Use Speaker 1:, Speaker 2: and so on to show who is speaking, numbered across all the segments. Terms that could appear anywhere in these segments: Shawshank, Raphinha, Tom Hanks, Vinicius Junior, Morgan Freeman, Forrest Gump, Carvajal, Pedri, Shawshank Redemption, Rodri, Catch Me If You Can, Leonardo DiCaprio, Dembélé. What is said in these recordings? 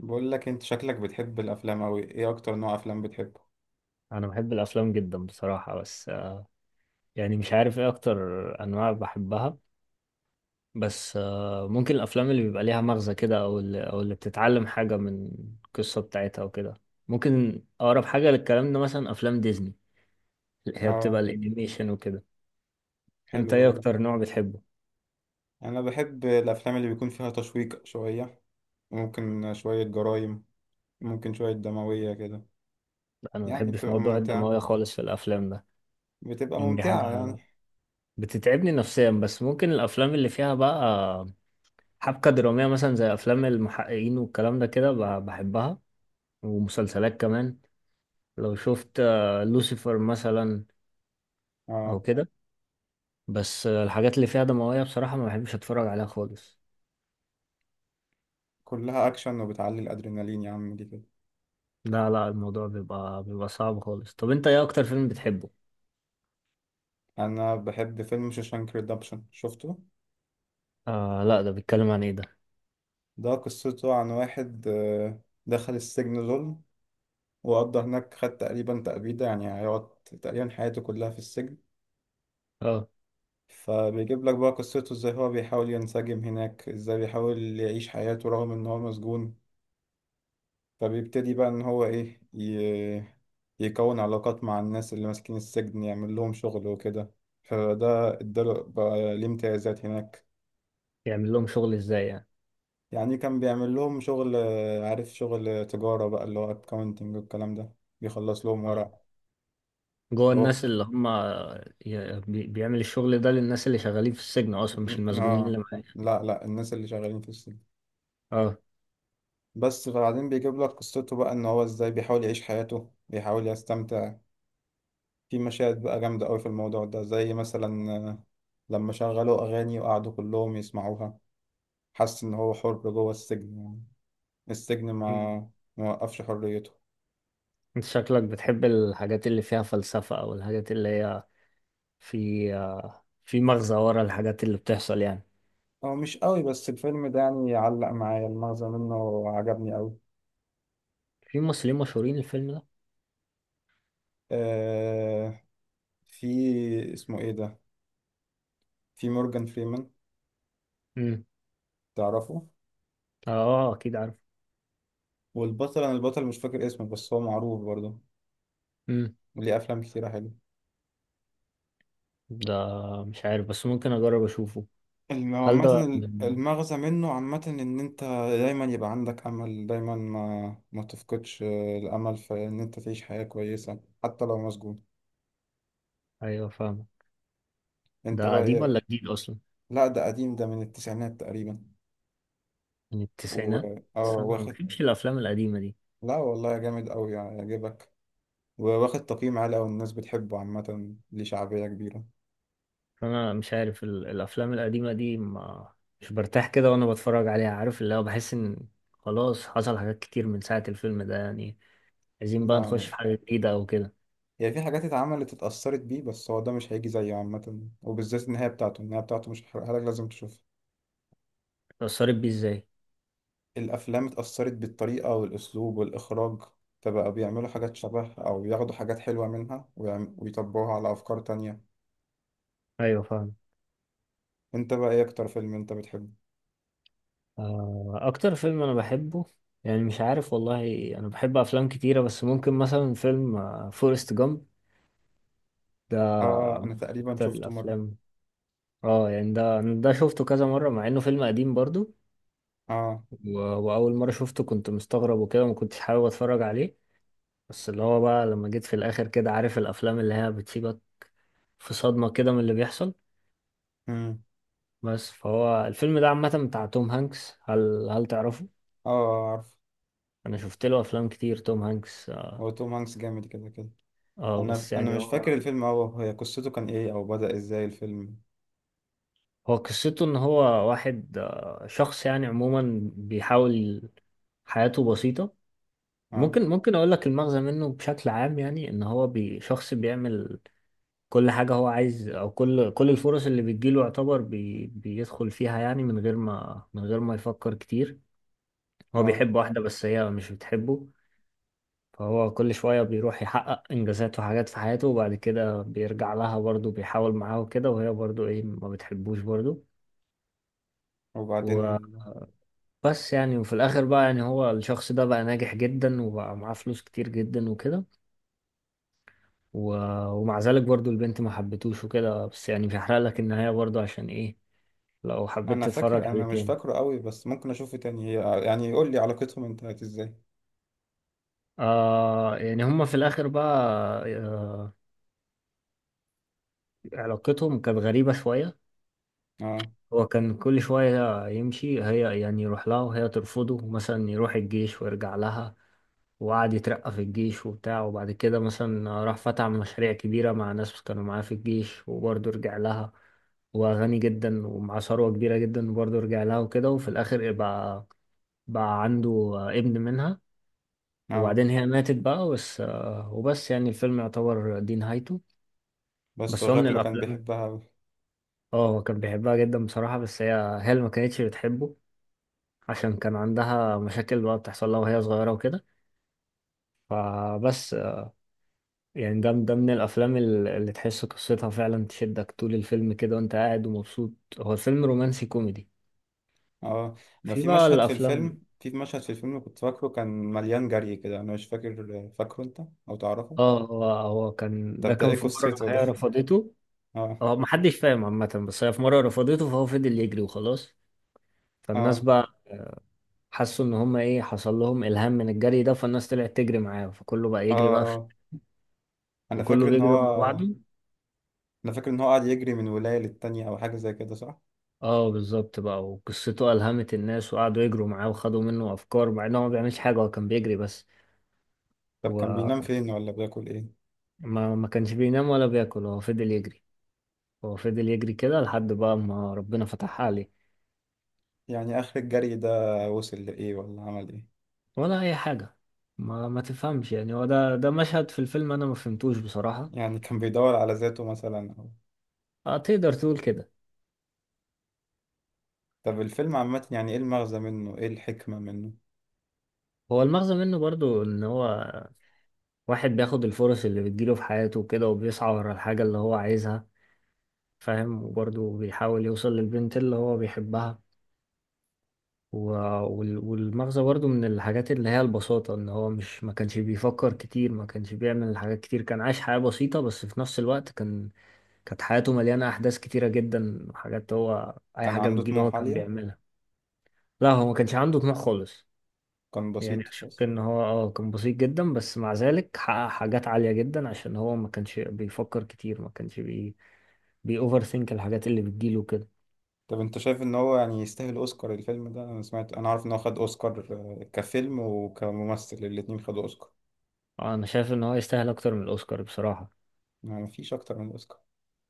Speaker 1: بقول لك، انت شكلك بتحب الافلام اوي. ايه اكتر نوع افلام بتحبه؟
Speaker 2: انا بحب الافلام جدا بصراحه. بس يعني مش عارف ايه اكتر انواع بحبها. بس ممكن الافلام اللي بيبقى ليها مغزى كده، او اللي او اللي بتتعلم حاجه من القصه بتاعتها وكده. ممكن اقرب حاجه للكلام ده مثلا افلام ديزني، اللي هي بتبقى
Speaker 1: اه،
Speaker 2: الانيميشن وكده. انت
Speaker 1: حلوة
Speaker 2: ايه
Speaker 1: برضه.
Speaker 2: اكتر نوع بتحبه؟
Speaker 1: انا بحب الافلام اللي بيكون فيها تشويق شويه، ممكن شويه جرايم، ممكن شويه دمويه كده.
Speaker 2: انا ما
Speaker 1: يعني
Speaker 2: بحبش
Speaker 1: بتبقى
Speaker 2: موضوع
Speaker 1: ممتعه،
Speaker 2: الدمويه خالص في الافلام ده.
Speaker 1: بتبقى
Speaker 2: يعني دي
Speaker 1: ممتعه
Speaker 2: حاجه
Speaker 1: يعني.
Speaker 2: بتتعبني نفسيا، بس ممكن الافلام اللي فيها بقى حبكه دراميه، مثلا زي افلام المحققين والكلام ده كده، بحبها ومسلسلات كمان. لو شفت لوسيفر مثلا او
Speaker 1: اه،
Speaker 2: كده. بس الحاجات اللي فيها دموية بصراحة ما بحبش اتفرج عليها خالص.
Speaker 1: كلها اكشن وبتعلي الادرينالين يا عم دي كده.
Speaker 2: لا لا، الموضوع بيبقى صعب خالص. طب انت ايه اكتر فيلم بتحبه؟
Speaker 1: انا بحب فيلم شوشانك ريدمبشن، شفته؟
Speaker 2: آه لا، ده بيتكلم عن ايه ده؟
Speaker 1: ده قصته عن واحد دخل السجن ظلم، وقضى هناك، خد تقريبا تأبيدة، يعني هيقعد تقريبا حياته كلها في السجن.
Speaker 2: اه.
Speaker 1: فبيجيب لك بقى قصته ازاي هو بيحاول ينسجم هناك، ازاي بيحاول يعيش حياته رغم ان هو مسجون. فبيبتدي بقى ان هو يكون علاقات مع الناس اللي ماسكين السجن، يعمل لهم شغل وكده. فده اداله بقى ليه امتيازات هناك.
Speaker 2: يعمل لهم شغل ازاي يعني؟
Speaker 1: يعني كان بيعمل لهم شغل، عارف، شغل تجارة بقى اللي هو اكاونتنج والكلام ده، بيخلص لهم
Speaker 2: اه.
Speaker 1: ورق.
Speaker 2: جوه
Speaker 1: هو،
Speaker 2: الناس اللي هم، بيعمل الشغل ده للناس اللي شغالين في السجن اصلا، مش المسجونين اللي
Speaker 1: اه،
Speaker 2: معايا؟
Speaker 1: لا لا، الناس اللي شغالين في السجن.
Speaker 2: اه.
Speaker 1: بس فبعدين بيجيب لك قصته بقى ان هو ازاي بيحاول يعيش حياته، بيحاول يستمتع. في مشاهد بقى جامدة قوي في الموضوع ده، زي مثلا لما شغلوا اغاني وقعدوا كلهم يسمعوها، حس ان هو حر جوه السجن، يعني السجن
Speaker 2: مم.
Speaker 1: ما وقفش حريته.
Speaker 2: انت شكلك بتحب الحاجات اللي فيها فلسفة، او الحاجات اللي هي في في مغزى ورا الحاجات اللي بتحصل يعني.
Speaker 1: هو مش قوي، بس الفيلم ده يعني علق معايا، المغزى منه عجبني قوي.
Speaker 2: في ممثلين مشهورين الفيلم ده؟
Speaker 1: آه، في، اسمه ايه ده، في مورجان فريمان،
Speaker 2: امم.
Speaker 1: تعرفه؟
Speaker 2: اه اكيد عارف.
Speaker 1: والبطل، انا البطل مش فاكر اسمه، بس هو معروف برضه،
Speaker 2: امم.
Speaker 1: ليه افلام كتيرة حلوة.
Speaker 2: ده مش عارف، بس ممكن اجرب اشوفه. هل ده
Speaker 1: عامة،
Speaker 2: من...
Speaker 1: المغزى منه عامة إن أنت دايما يبقى عندك أمل، دايما ما تفقدش الأمل في إن أنت تعيش حياة كويسة حتى لو مسجون.
Speaker 2: ايوه فاهمه.
Speaker 1: أنت
Speaker 2: ده
Speaker 1: بقى
Speaker 2: قديم
Speaker 1: إيه-
Speaker 2: ولا جديد اصلا؟
Speaker 1: لا، ده قديم، ده من التسعينات تقريبا.
Speaker 2: من
Speaker 1: و
Speaker 2: التسعينات. بس
Speaker 1: آه
Speaker 2: انا ما
Speaker 1: واخد.
Speaker 2: بحبش الافلام القديمه دي.
Speaker 1: لا والله جامد أوي يعني يعجبك، وواخد تقييم عالي أوي، الناس بتحبه عامة، ليه شعبية كبيرة.
Speaker 2: فانا مش عارف الافلام القديمه دي ما مش برتاح كده وانا بتفرج عليها. عارف اللي هو بحس ان خلاص حصل حاجات كتير من ساعه الفيلم ده يعني. عايزين بقى
Speaker 1: لا،
Speaker 2: نخش في حاجه جديده او كده.
Speaker 1: هي في حاجات اتعملت، اتأثرت بيه، بس هو ده مش هيجي زيه عامة. وبالذات النهاية بتاعته، النهاية بتاعته مش هحرقها لك، لازم تشوفها.
Speaker 2: اتأثرت بيه ازاي؟
Speaker 1: الأفلام اتأثرت بالطريقة والأسلوب والإخراج، فبقوا بيعملوا حاجات شبه أو بياخدوا حاجات حلوة منها ويطبقوها على أفكار تانية.
Speaker 2: ايوه فاهم.
Speaker 1: أنت بقى، إيه أكتر فيلم أنت بتحبه؟
Speaker 2: اكتر فيلم انا بحبه يعني مش عارف والله. انا بحب افلام كتيرة، بس ممكن مثلا فيلم فورست جامب ده
Speaker 1: آه، أنا تقريبا
Speaker 2: اكتر
Speaker 1: شفته مرة.
Speaker 2: الافلام. اه يعني ده شفته كذا مرة، مع انه فيلم قديم برضو.
Speaker 1: آه.
Speaker 2: واول مرة شفته كنت مستغرب وكده، ما كنتش حابب اتفرج عليه. بس اللي هو بقى لما جيت في الاخر كده، عارف الافلام اللي هي بتسيبك في صدمة كده من اللي بيحصل.
Speaker 1: مم.
Speaker 2: بس فهو الفيلم ده عامة بتاع توم هانكس. هل تعرفه؟
Speaker 1: آه، عارف.
Speaker 2: انا شفت له افلام كتير توم هانكس اه.
Speaker 1: هو، توم هانكس جامد كده كده. أنا
Speaker 2: بس
Speaker 1: أنا
Speaker 2: يعني
Speaker 1: مش فاكر
Speaker 2: هو،
Speaker 1: الفيلم أوي، هي قصته كان إيه أو بدأ إزاي الفيلم؟
Speaker 2: هو قصته ان هو واحد، شخص يعني عموما بيحاول، حياته بسيطة.
Speaker 1: آه،
Speaker 2: ممكن اقول لك المغزى منه بشكل عام. يعني ان هو شخص بيعمل كل حاجة هو عايز، او كل الفرص اللي بتجيله يعتبر بيدخل فيها يعني، من غير ما يفكر كتير. هو
Speaker 1: آه،
Speaker 2: بيحب واحدة، بس هي مش بتحبه. فهو كل شوية بيروح يحقق انجازات وحاجات في حياته، وبعد كده بيرجع لها برضه، بيحاول معاها وكده، وهي برضه ايه ما بتحبوش برضه.
Speaker 1: وبعدين
Speaker 2: بس يعني وفي الاخر بقى، يعني هو الشخص ده بقى ناجح جدا، وبقى معاه فلوس كتير جدا وكده. و... ومع ذلك برضو البنت ما حبتوش وكده. بس يعني مش هحرق لك النهاية برضو، عشان ايه لو حبيت
Speaker 1: أنا
Speaker 2: تتفرج
Speaker 1: فاكر،
Speaker 2: عليه
Speaker 1: أنا مش
Speaker 2: تاني.
Speaker 1: فاكره أوي، بس ممكن أشوفه تاني، هي يعني يقول لي علاقتهم انتهت إزاي؟
Speaker 2: آه يعني هما في الآخر بقى، آه، علاقتهم كانت غريبة شوية.
Speaker 1: آه،
Speaker 2: هو كان كل شوية يمشي، هي يعني يروح لها وهي ترفضه، مثلا يروح الجيش ويرجع لها، وقعد يترقى في الجيش وبتاع، وبعد كده مثلا راح فتح مشاريع كبيرة مع ناس كانوا معاه في الجيش، وبرضه رجع لها، وغني جدا ومع ثروة كبيرة جدا، وبرضه رجع لها وكده. وفي الآخر بقى بقى عنده ابن منها.
Speaker 1: آه،
Speaker 2: وبعدين هي ماتت بقى بس. وبس يعني الفيلم يعتبر دي نهايته.
Speaker 1: بس هو
Speaker 2: بس هو من
Speaker 1: شكله كان
Speaker 2: الأفلام.
Speaker 1: بيحبها أوي.
Speaker 2: اه هو كان بيحبها جدا بصراحة، بس هي اللي ما كانتش بتحبه، عشان كان عندها مشاكل بقى بتحصل لها وهي صغيرة وكده. فبس يعني ده من الافلام اللي تحس قصتها فعلا تشدك طول الفيلم كده، وانت قاعد ومبسوط. هو فيلم رومانسي كوميدي.
Speaker 1: اه، ما
Speaker 2: في
Speaker 1: في
Speaker 2: بقى
Speaker 1: مشهد في
Speaker 2: الافلام.
Speaker 1: الفيلم، كنت فاكره كان مليان جري كده، انا مش فاكره انت او تعرفه؟
Speaker 2: اه هو كان ده
Speaker 1: طب ده
Speaker 2: كان
Speaker 1: ايه
Speaker 2: في مره
Speaker 1: قصته ده؟
Speaker 2: هي رفضته.
Speaker 1: اه.
Speaker 2: هو محدش فاهم عامه، بس هي في مره رفضته، فهو فضل يجري وخلاص. فالناس
Speaker 1: اه،
Speaker 2: بقى حسوا ان هم ايه، حصل لهم الهام من الجري ده، فالناس طلعت تجري معاه، فكله بقى
Speaker 1: اه،
Speaker 2: يجري بقى في،
Speaker 1: اه انا
Speaker 2: وكله
Speaker 1: فاكر ان
Speaker 2: بيجري مع
Speaker 1: هو
Speaker 2: بعضه.
Speaker 1: انا فاكر ان هو قاعد يجري من ولاية للتانية او حاجة زي كده، صح؟
Speaker 2: اه بالظبط بقى، وقصته ألهمت الناس وقعدوا يجروا معاه وخدوا منه افكار، مع انه ما بيعملش حاجه، هو كان بيجري بس.
Speaker 1: طب كان
Speaker 2: و...
Speaker 1: بينام فين ولا بياكل ايه؟
Speaker 2: ما كانش بينام ولا بياكل، هو فضل يجري. هو فضل يجري كده لحد بقى ما ربنا فتح عليه.
Speaker 1: يعني اخر الجري ده وصل لايه ولا عمل ايه؟
Speaker 2: ولا اي حاجة. ما تفهمش يعني، هو ده مشهد في الفيلم انا ما فهمتوش بصراحة.
Speaker 1: يعني كان بيدور على ذاته مثلا
Speaker 2: اه تقدر تقول كده.
Speaker 1: طب الفيلم عامة، يعني ايه المغزى منه، ايه الحكمة منه؟
Speaker 2: هو المغزى منه برضو ان هو واحد بياخد الفرص اللي بتجيله في حياته كده، وبيسعى ورا الحاجة اللي هو عايزها، فاهم؟ وبرضو بيحاول يوصل للبنت اللي هو بيحبها. و- والمغزى برضو من الحاجات اللي هي البساطة، ان هو مش ما كانش بيفكر كتير، ما كانش بيعمل حاجات كتير، كان عايش حياة بسيطة. بس في نفس الوقت كان كانت حياته مليانة أحداث كتيرة جدا، حاجات، هو أي
Speaker 1: كان
Speaker 2: حاجة
Speaker 1: عنده
Speaker 2: بتجيله هو
Speaker 1: طموح
Speaker 2: كان
Speaker 1: عالية.
Speaker 2: بيعملها. لا هو ما كانش عنده طموح خالص.
Speaker 1: كان بسيط
Speaker 2: يعني أشك
Speaker 1: خالص.
Speaker 2: إن هو اه كان بسيط جدا، بس مع ذلك حقق حاجات عالية جدا، عشان هو ما كانش بيفكر كتير، ما كانش بي بي اوفر ثينك الحاجات اللي بتجيله كده.
Speaker 1: طب انت شايف ان هو يعني يستاهل اوسكار الفيلم ده؟ انا سمعت، انا عارف ان هو خد اوسكار، كفيلم وكممثل الاتنين خدوا اوسكار.
Speaker 2: أنا شايف إن هو يستاهل أكتر من الأوسكار بصراحة.
Speaker 1: يعني مفيش اكتر من اوسكار؟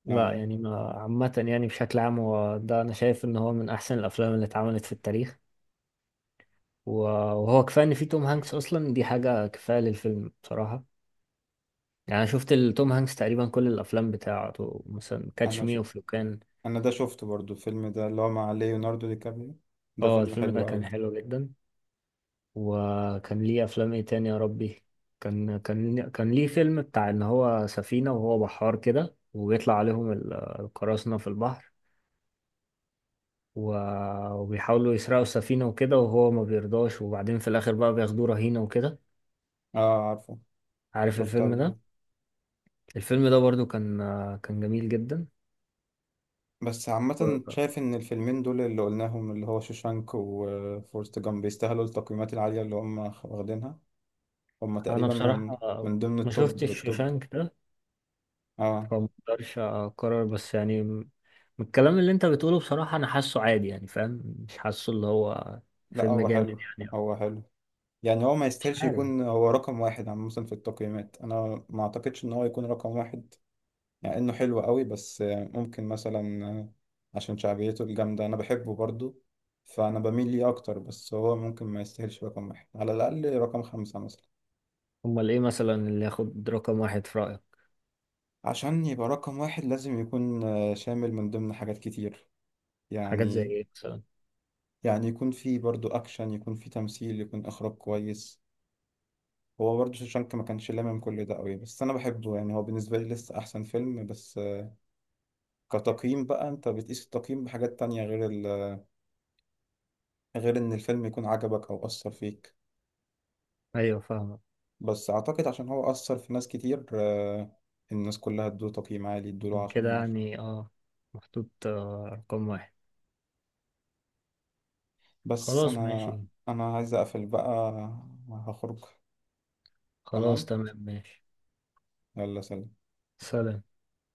Speaker 2: لا
Speaker 1: يعني،
Speaker 2: يعني ما عامة، يعني بشكل عام هو ده أنا شايف إن هو من أحسن الأفلام اللي اتعملت في التاريخ. و- وهو كفاية إن فيه توم هانكس أصلا، دي حاجة كفاية للفيلم بصراحة. يعني أنا شفت توم هانكس تقريبا كل الأفلام بتاعته، مثلا كاتش
Speaker 1: انا ش...
Speaker 2: مي أوف يو كان.
Speaker 1: انا ده شفته برضو الفيلم ده اللي هو مع ليوناردو دي كابريو، ده
Speaker 2: اه
Speaker 1: فيلم
Speaker 2: الفيلم ده
Speaker 1: حلو
Speaker 2: كان
Speaker 1: قوي.
Speaker 2: حلو جدا. وكان ليه أفلام إيه تاني يا ربي. كان ليه فيلم بتاع إن هو سفينة وهو بحار كده، وبيطلع عليهم القراصنة في البحر، وبيحاولوا يسرقوا السفينة وكده، وهو ما بيرضاش، وبعدين في الآخر بقى بياخدوه رهينة وكده.
Speaker 1: اه، عارفه،
Speaker 2: عارف
Speaker 1: شفته
Speaker 2: الفيلم
Speaker 1: قبل كده.
Speaker 2: ده؟ الفيلم ده برضو كان، كان جميل جدا.
Speaker 1: بس عامة شايف ان الفيلمين دول اللي قلناهم، اللي هو شوشانك وفورست جامب، بيستاهلوا التقييمات العالية اللي هم واخدينها. هم
Speaker 2: أنا
Speaker 1: تقريبا من
Speaker 2: بصراحة
Speaker 1: من ضمن
Speaker 2: ما
Speaker 1: التوب
Speaker 2: شفتش
Speaker 1: بالتوب.
Speaker 2: شوشانك ده،
Speaker 1: اه.
Speaker 2: فمقدرش أقرر. بس يعني من الكلام اللي أنت بتقوله بصراحة أنا حاسه عادي يعني، فاهم؟ مش حاسه اللي هو
Speaker 1: لا،
Speaker 2: فيلم
Speaker 1: هو
Speaker 2: جامد
Speaker 1: حلو،
Speaker 2: يعني.
Speaker 1: هو حلو. يعني هو ما
Speaker 2: مش
Speaker 1: يستاهلش
Speaker 2: عارف.
Speaker 1: يكون هو رقم واحد عامة في التقييمات، أنا ما أعتقدش إن هو يكون رقم واحد. يعني إنه حلو قوي، بس ممكن مثلا، عشان شعبيته الجامدة أنا بحبه برضو، فأنا بميل ليه أكتر. بس هو ممكن ما يستاهلش رقم واحد، على الأقل رقم 5 مثلا.
Speaker 2: أمال إيه مثلا اللي ياخد رقم واحد في رأيك؟
Speaker 1: عشان يبقى رقم واحد لازم يكون شامل من ضمن حاجات كتير،
Speaker 2: حاجات زي
Speaker 1: يعني.
Speaker 2: إيه مثلا؟
Speaker 1: يعني يكون فيه برضو أكشن، يكون فيه تمثيل، يكون إخراج كويس. هو برضه شوشانك ما كانش لامم كل ده قوي، بس انا بحبه، يعني هو بالنسبه لي لسه احسن فيلم. بس كتقييم بقى انت بتقيس التقييم بحاجات تانية غير غير ان الفيلم يكون عجبك او اثر فيك.
Speaker 2: أيوه فاهمك.
Speaker 1: بس اعتقد عشان هو اثر في ناس كتير، الناس كلها ادوه تقييم عالي، ادوله
Speaker 2: من
Speaker 1: عشرة
Speaker 2: كده
Speaker 1: من عشرة
Speaker 2: يعني أه محطوط رقم واحد.
Speaker 1: بس
Speaker 2: خلاص
Speaker 1: انا
Speaker 2: ماشي.
Speaker 1: انا عايز اقفل بقى، هخرج.
Speaker 2: خلاص
Speaker 1: تمام،
Speaker 2: تمام ماشي.
Speaker 1: يلا سلام.
Speaker 2: سلام.